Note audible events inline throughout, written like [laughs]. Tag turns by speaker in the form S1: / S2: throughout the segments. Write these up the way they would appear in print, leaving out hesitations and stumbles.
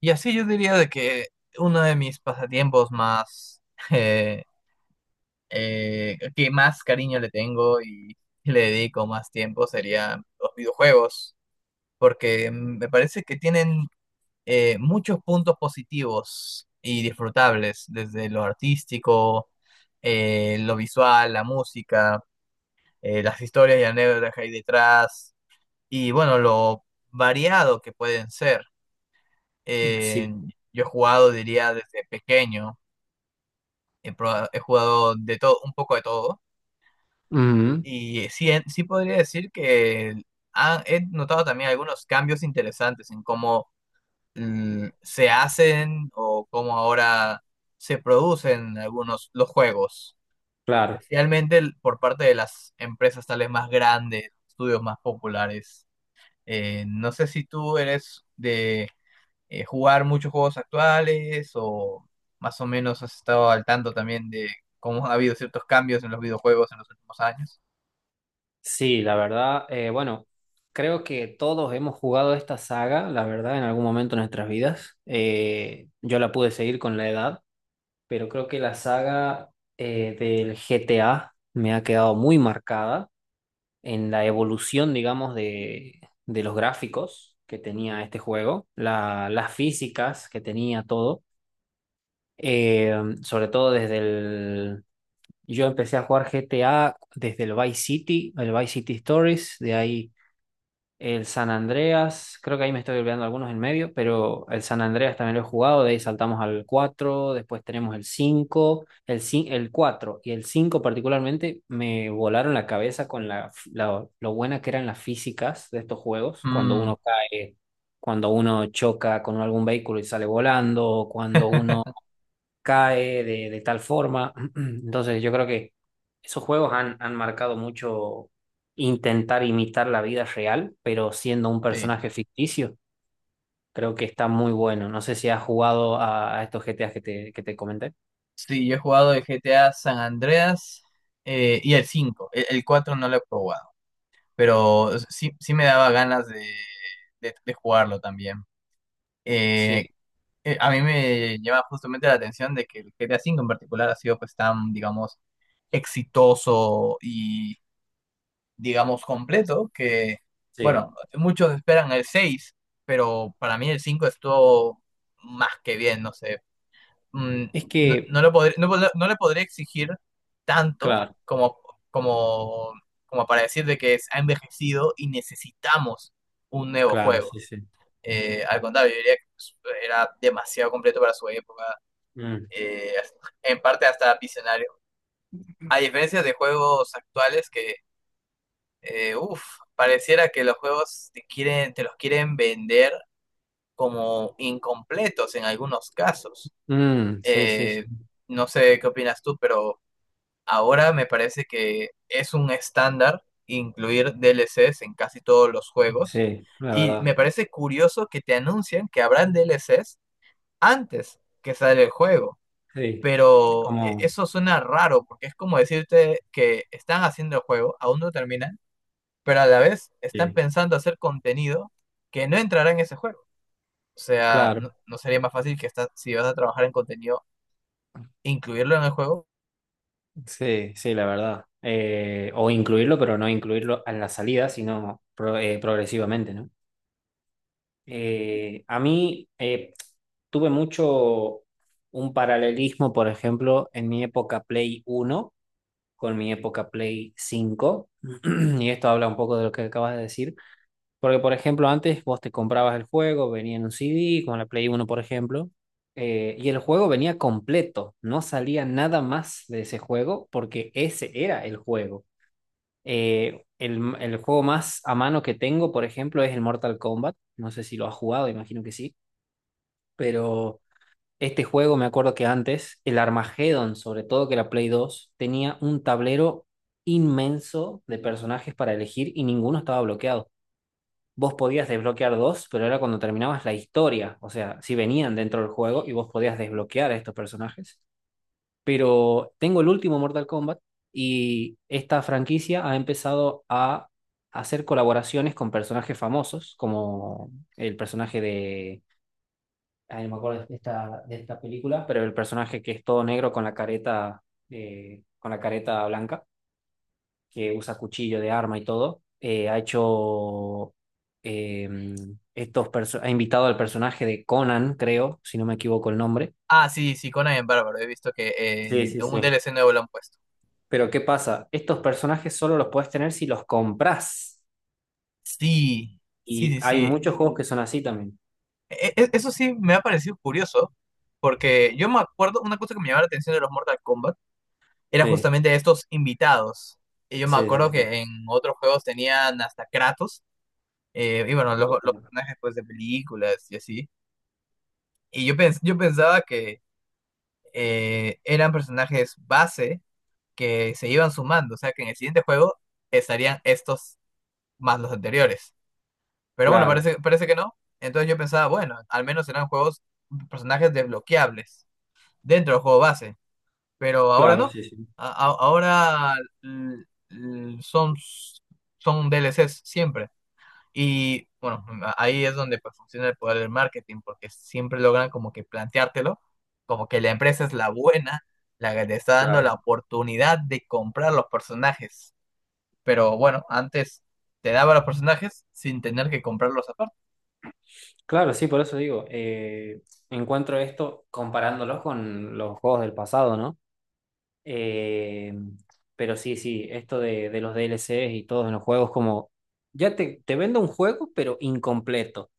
S1: Y así yo diría de que uno de mis pasatiempos más, [laughs] eh, que más cariño le tengo y le dedico más tiempo serían los videojuegos, porque me parece que tienen muchos puntos positivos y disfrutables, desde lo artístico, lo visual, la música, las historias y anécdotas que hay detrás, y bueno, lo variado que pueden ser.
S2: Sí,
S1: Eh, yo he jugado, diría, desde pequeño. He jugado de todo, un poco de todo.
S2: ujú,
S1: Y sí, sí podría decir que he notado también algunos cambios interesantes en cómo se hacen o cómo ahora se producen algunos los juegos.
S2: claro.
S1: Especialmente por parte de las empresas tal vez más grandes, estudios más populares. ¿No sé si tú eres de jugar muchos juegos actuales o más o menos has estado al tanto también de cómo ha habido ciertos cambios en los videojuegos en los últimos años?
S2: Sí, la verdad, bueno, creo que todos hemos jugado esta saga, la verdad, en algún momento de nuestras vidas. Yo la pude seguir con la edad, pero creo que la saga del GTA me ha quedado muy marcada en la evolución, digamos, de los gráficos que tenía este juego, las físicas que tenía todo, eh, sobre todo desde. Yo empecé a jugar GTA desde el Vice City Stories, de ahí el San Andreas, creo que ahí me estoy olvidando algunos en medio, pero el San Andreas también lo he jugado, de ahí saltamos al 4, después tenemos el 5, el 4 y el 5 particularmente me volaron la cabeza con lo buena que eran las físicas de estos juegos, cuando
S1: Mm,
S2: uno cae, cuando uno choca con algún vehículo y sale volando, cuando uno
S1: [laughs]
S2: cae de tal forma. [clears throat] Entonces yo creo que esos juegos han marcado mucho intentar imitar la vida real, pero siendo un
S1: sí.
S2: personaje ficticio. Creo que está muy bueno. No sé si has jugado a estos GTAs que que te comenté.
S1: Sí, yo he jugado el GTA San Andreas y el cinco. El 4 no lo he probado, pero sí, sí me daba ganas de jugarlo también.
S2: Sí,
S1: Eh, a mí me llama justamente la atención de que el GTA 5 en particular ha sido, pues, tan, digamos, exitoso y, digamos, completo, que, bueno,
S2: sí.
S1: muchos esperan el seis, pero para mí el 5 estuvo más que bien, no sé. Mm,
S2: Es
S1: no,
S2: que,
S1: no lo podré- no le podría exigir tanto
S2: claro,
S1: como, como para decir de que ha envejecido y necesitamos un nuevo
S2: claro, sí,
S1: juego.
S2: sí.
S1: Al contrario, yo diría que, pues, era demasiado completo para su época,
S2: Mm,
S1: eh, en parte hasta visionario. A diferencia de juegos actuales que... Uf, pareciera que los juegos te quieren, te los quieren vender como incompletos en algunos casos.
S2: mm, sí, sí,
S1: Eh,
S2: sí,
S1: no sé qué opinas tú, pero ahora me parece que es un estándar incluir DLCs en casi todos los juegos.
S2: sí, la
S1: Y
S2: verdad.
S1: me parece curioso que te anuncien que habrán DLCs antes que sale el juego.
S2: Sí, es
S1: Pero
S2: como,
S1: eso suena raro, porque es como decirte que están haciendo el juego, aún no terminan, pero a la vez están
S2: sí.
S1: pensando hacer contenido que no entrará en ese juego. O sea, no,
S2: Claro.
S1: no sería más fácil que está, si vas a trabajar en contenido, incluirlo en el juego.
S2: Sí, sí, la verdad. O incluirlo, pero no incluirlo en la salida, sino progresivamente, ¿no? A mí tuve mucho un paralelismo, por ejemplo, en mi época Play Uno con mi época Play Cinco, [clears throat] y esto habla un poco de lo que acabas de decir, porque, por ejemplo, antes vos te comprabas el juego, venía en un CD, con la Play Uno por ejemplo, y el juego venía completo, no salía nada más de ese juego porque ese era el juego. El juego más a mano que tengo, por ejemplo, es el Mortal Kombat. No sé si lo has jugado, imagino que sí, pero este juego me acuerdo que antes, el Armageddon, sobre todo que la Play dos tenía un tablero inmenso de personajes para elegir y ninguno estaba bloqueado. Vos podías desbloquear dos, pero era cuando terminabas la historia. O sea, si venían dentro del juego y vos podías desbloquear a estos personajes. Pero tengo el último Mortal Kombat y esta franquicia ha empezado a hacer colaboraciones con personajes famosos, como el personaje de. Ay, no me acuerdo de esta película, pero el personaje que es todo negro con la careta blanca que usa cuchillo de arma y todo, eh, ha invitado al personaje de Conan, creo, si no me equivoco el nombre.
S1: Ah, sí, sí, Conan en Bárbaro, he visto que
S2: Sí,
S1: en
S2: sí,
S1: un
S2: sí.
S1: DLC nuevo lo han puesto.
S2: Pero ¿qué pasa? Estos personajes solo los puedes tener si los compras.
S1: Sí, sí,
S2: Y
S1: sí,
S2: hay
S1: sí.
S2: muchos juegos que son así también.
S1: Eso sí me ha parecido curioso, porque yo me acuerdo, una cosa que me llamaba la atención de los Mortal Kombat era
S2: Sí,
S1: justamente estos invitados. Y yo me
S2: sí, sí,
S1: acuerdo
S2: sí.
S1: que en otros juegos tenían hasta Kratos, y bueno, los personajes, pues, de películas y así. Y yo, yo pensaba que eran personajes base que se iban sumando, o sea que en el siguiente juego estarían estos más los anteriores. Pero bueno,
S2: Claro,
S1: parece, parece que no. Entonces yo pensaba, bueno, al menos eran juegos, personajes desbloqueables dentro del juego base. Pero ahora
S2: claro,
S1: no.
S2: sí, sí,
S1: Ahora l- l- son, son DLCs siempre. Y bueno, ahí es donde, pues, funciona el poder del marketing, porque siempre logran como que planteártelo, como que la empresa es la buena, la que te está dando
S2: claro.
S1: la oportunidad de comprar los personajes. Pero bueno, antes te daba los personajes sin tener que comprarlos aparte.
S2: Claro, sí, por eso digo, encuentro esto comparándolos con los juegos del pasado, ¿no? Eh, pero sí, sí, esto de los D L DLCs y todos en los juegos, como ya te vendo un juego, pero incompleto.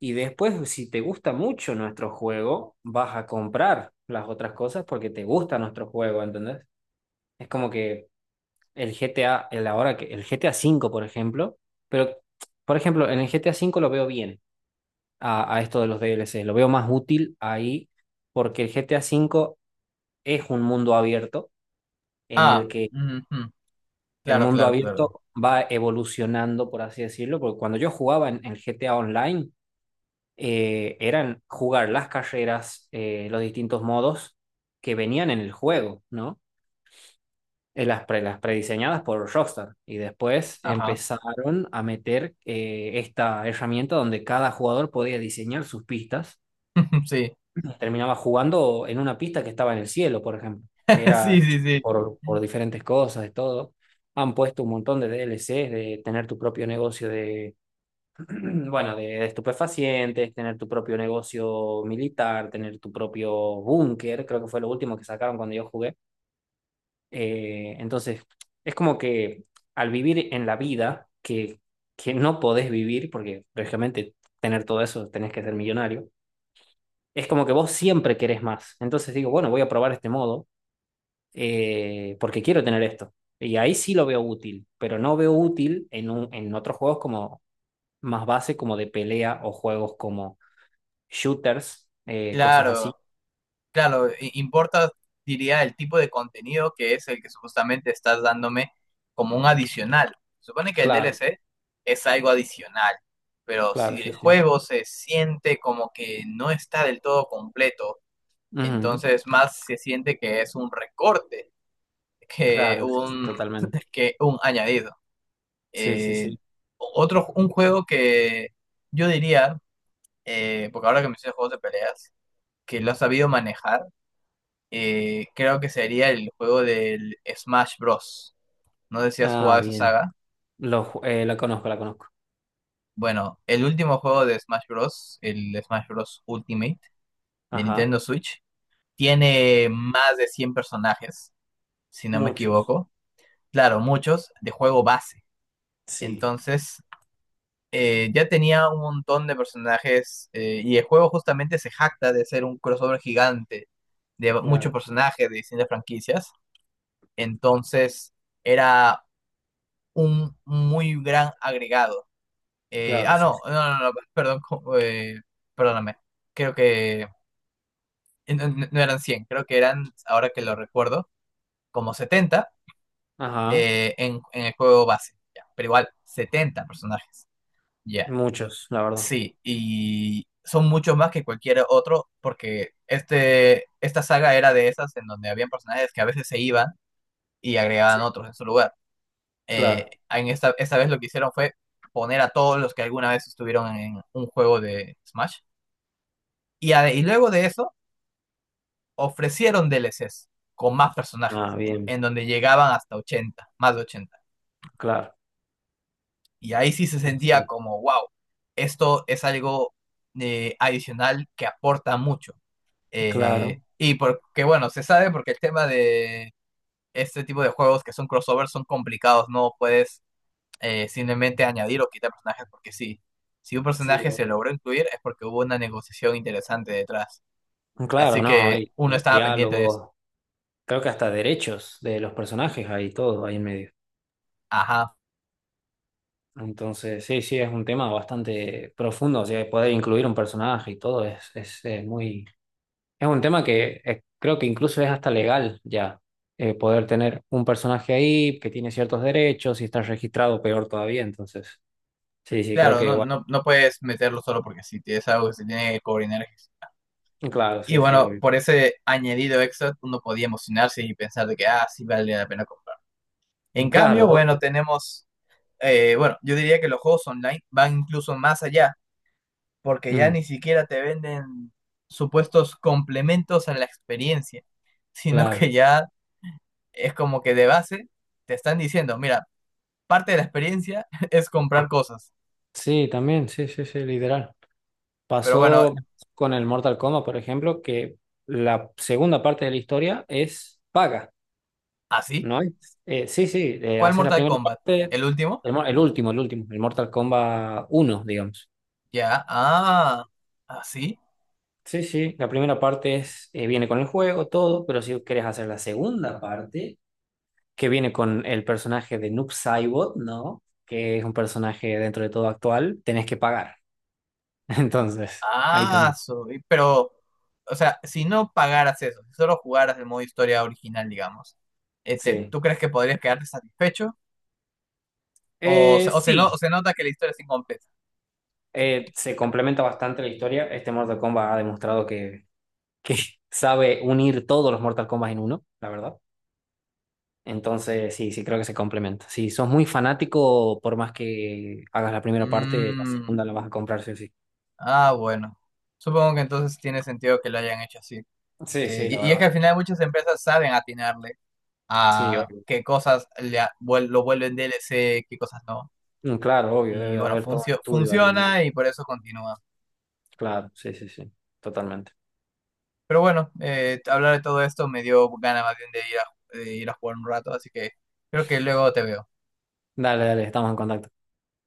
S2: Y después, si te gusta mucho nuestro juego, vas a comprar las otras cosas porque te gusta nuestro juego, ¿entendés? Es como que el G T A el ahora que el G T A cinco, por ejemplo, pero por ejemplo, en el G T A cinco lo veo bien a esto de los D L DLCs, lo veo más útil ahí porque el G T A cinco es un mundo abierto en el
S1: Ah,
S2: que
S1: ujú.
S2: El
S1: Claro,
S2: mundo
S1: claro, claro.
S2: abierto va evolucionando, por así decirlo, porque cuando yo jugaba en GTA Online, eran jugar las carreras, los distintos modos que venían en el juego, ¿no? Las prediseñadas por Rockstar. Y después
S1: Ajá.
S2: empezaron a meter esta herramienta donde cada jugador podía diseñar sus pistas.
S1: [laughs] Sí.
S2: Terminaba jugando en una pista que estaba en el cielo, por ejemplo, que
S1: [laughs]
S2: era
S1: Sí,
S2: hecha
S1: sí, sí.
S2: por diferentes cosas, de todo. Han puesto un montón de DLCs, de tener tu propio negocio de, [clears throat] bueno, de estupefacientes, tener tu propio negocio militar, tener tu propio búnker, creo que fue lo último que sacaron cuando yo jugué. Entonces, es como que al vivir en la vida que no podés vivir, porque lógicamente tener todo eso tenés que ser millonario, es como que vos siempre querés más. Entonces digo, bueno, voy a probar este modo porque quiero tener esto. Y ahí sí lo veo útil, pero no veo útil en otros juegos como más base, como de pelea o juegos como shooters, cosas así.
S1: Claro. Claro, importa, diría, el tipo de contenido que es el que supuestamente estás dándome como un adicional. Supone que el
S2: Claro,
S1: DLC es algo adicional, pero
S2: claro,
S1: si el
S2: sí, sí.
S1: juego se siente como que no está del todo completo,
S2: Ujú.
S1: entonces más se siente que es un recorte que
S2: Claro, sí, sí,
S1: un,
S2: totalmente.
S1: que un añadido.
S2: Sí, sí,
S1: Eh,
S2: sí.
S1: otro, un juego que yo diría, porque ahora que me hice juegos de peleas, que lo ha sabido manejar, creo que sería el juego del Smash Bros. No sé si has
S2: Ah,
S1: jugado esa
S2: bien.
S1: saga.
S2: La conozco, la conozco.
S1: Bueno, el último juego de Smash Bros., el Smash Bros. Ultimate de
S2: Ajá.
S1: Nintendo Switch, tiene más de 100 personajes, si no me
S2: Muchos.
S1: equivoco. Claro, muchos de juego base.
S2: Sí,
S1: Entonces, ya tenía un montón de personajes, y el juego justamente se jacta de ser un crossover gigante de muchos
S2: claro,
S1: personajes de distintas franquicias. Entonces, era un muy gran agregado. Eh,
S2: claro,
S1: ah,
S2: sí,
S1: no,
S2: sí.
S1: no, no, no, perdón, perdóname. Creo que no, no eran 100, creo que eran, ahora que lo recuerdo, como 70
S2: Ajá.
S1: en el juego base. Ya. Pero igual, 70 personajes. Ya,
S2: Muchos, la verdad.
S1: sí, y son muchos más que cualquier otro, porque este, esta saga era de esas en donde habían personajes que a veces se iban y agregaban
S2: Sí,
S1: otros en su lugar. eh,
S2: claro.
S1: en esta, esta vez lo que hicieron fue poner a todos los que alguna vez estuvieron en un juego de Smash. Y, y luego de eso, ofrecieron DLCs con más
S2: Ah,
S1: personajes, en
S2: bien.
S1: en donde llegaban hasta 80, más de 80.
S2: Claro,
S1: Y ahí sí se sentía
S2: sí,
S1: como, wow, esto es algo adicional que aporta mucho. Eh,
S2: claro.
S1: y porque, bueno, se sabe porque el tema de este tipo de juegos que son crossovers son complicados, no puedes simplemente añadir o quitar personajes porque sí. Si un
S2: Sí,
S1: personaje se
S2: obvio.
S1: logró incluir es porque hubo una negociación interesante detrás.
S2: Claro,
S1: Así
S2: no,
S1: que
S2: hay
S1: uno estaba pendiente de eso.
S2: diálogos, creo que hasta derechos de los personajes hay todo ahí en medio.
S1: Ajá.
S2: Entonces, sí, sí, es un tema bastante profundo, o sea, poder incluir un personaje y todo es, muy. Es un tema que creo que incluso es hasta legal ya, poder tener un personaje ahí que tiene ciertos derechos y está registrado peor todavía, entonces, sí, sí, creo
S1: Claro,
S2: que,
S1: no,
S2: bueno,
S1: no, no puedes meterlo solo porque sí, es algo que se tiene que coordinar.
S2: claro,
S1: Y
S2: sí, sí,
S1: bueno,
S2: obvio.
S1: por ese añadido extra uno podía emocionarse y pensar de que, ah, sí, vale la pena comprar. En
S2: Claro,
S1: cambio, bueno,
S2: obvio.
S1: tenemos, bueno, yo diría que los juegos online van incluso más allá porque ya ni
S2: Mm,
S1: siquiera te venden supuestos complementos a la experiencia, [laughs] sino que
S2: claro.
S1: ya es como que de base te están diciendo, mira, parte de la experiencia [laughs] es comprar cosas.
S2: Sí, también, sí, sí, sí, literal.
S1: Pero bueno,
S2: Pasó con el Mortal Kombat, por ejemplo, que la segunda parte de la historia es paga,
S1: ¿así?
S2: ¿no? ¿Es? Sí, sí,
S1: ¿Cuál
S2: haces la
S1: Mortal
S2: primera
S1: Kombat?
S2: parte,
S1: ¿El último?
S2: el último, el último, el Mortal Kombat uno, digamos.
S1: Ya, ah, así.
S2: Sí, sí, la primera parte viene con el juego, todo, pero si quieres hacer la segunda parte, que viene con el personaje de Noob Saibot, ¿no? Que es un personaje dentro de todo actual, tenés que pagar. [laughs] Entonces, ahí
S1: Ah,
S2: también,
S1: pero, o sea, si no pagaras eso, si solo jugaras el modo historia original, digamos, este,
S2: sí.
S1: ¿tú crees que podrías quedarte satisfecho? ¿O, o, se, no, o
S2: Sí,
S1: se nota que la historia es incompleta?
S2: Se complementa bastante la historia. Este Mortal Kombat ha demostrado que [laughs] sabe unir todos los Mortal Kombat en uno, la verdad. Entonces, sí, sí, creo que se complementa. Si sos muy fanático, por más que hagas la primera parte, la
S1: Mm.
S2: segunda la vas a comprar, sí o sí.
S1: Ah, bueno. Supongo que entonces tiene sentido que lo hayan hecho así.
S2: Sí,
S1: Eh,
S2: sí, la
S1: y, y es que
S2: verdad.
S1: al final muchas empresas saben atinarle
S2: Sí,
S1: a
S2: obvio.
S1: qué cosas lo vuelven DLC, qué cosas no.
S2: Mm, claro, obvio, debe
S1: Y
S2: de
S1: bueno,
S2: haber todo un estudio ahí en medio.
S1: funciona y por eso continúa.
S2: Claro, sí, sí, sí, totalmente.
S1: Pero bueno, hablar de todo esto me dio ganas más bien de ir a, jugar un rato, así que creo que luego te veo.
S2: Dale, dale, estamos en contacto.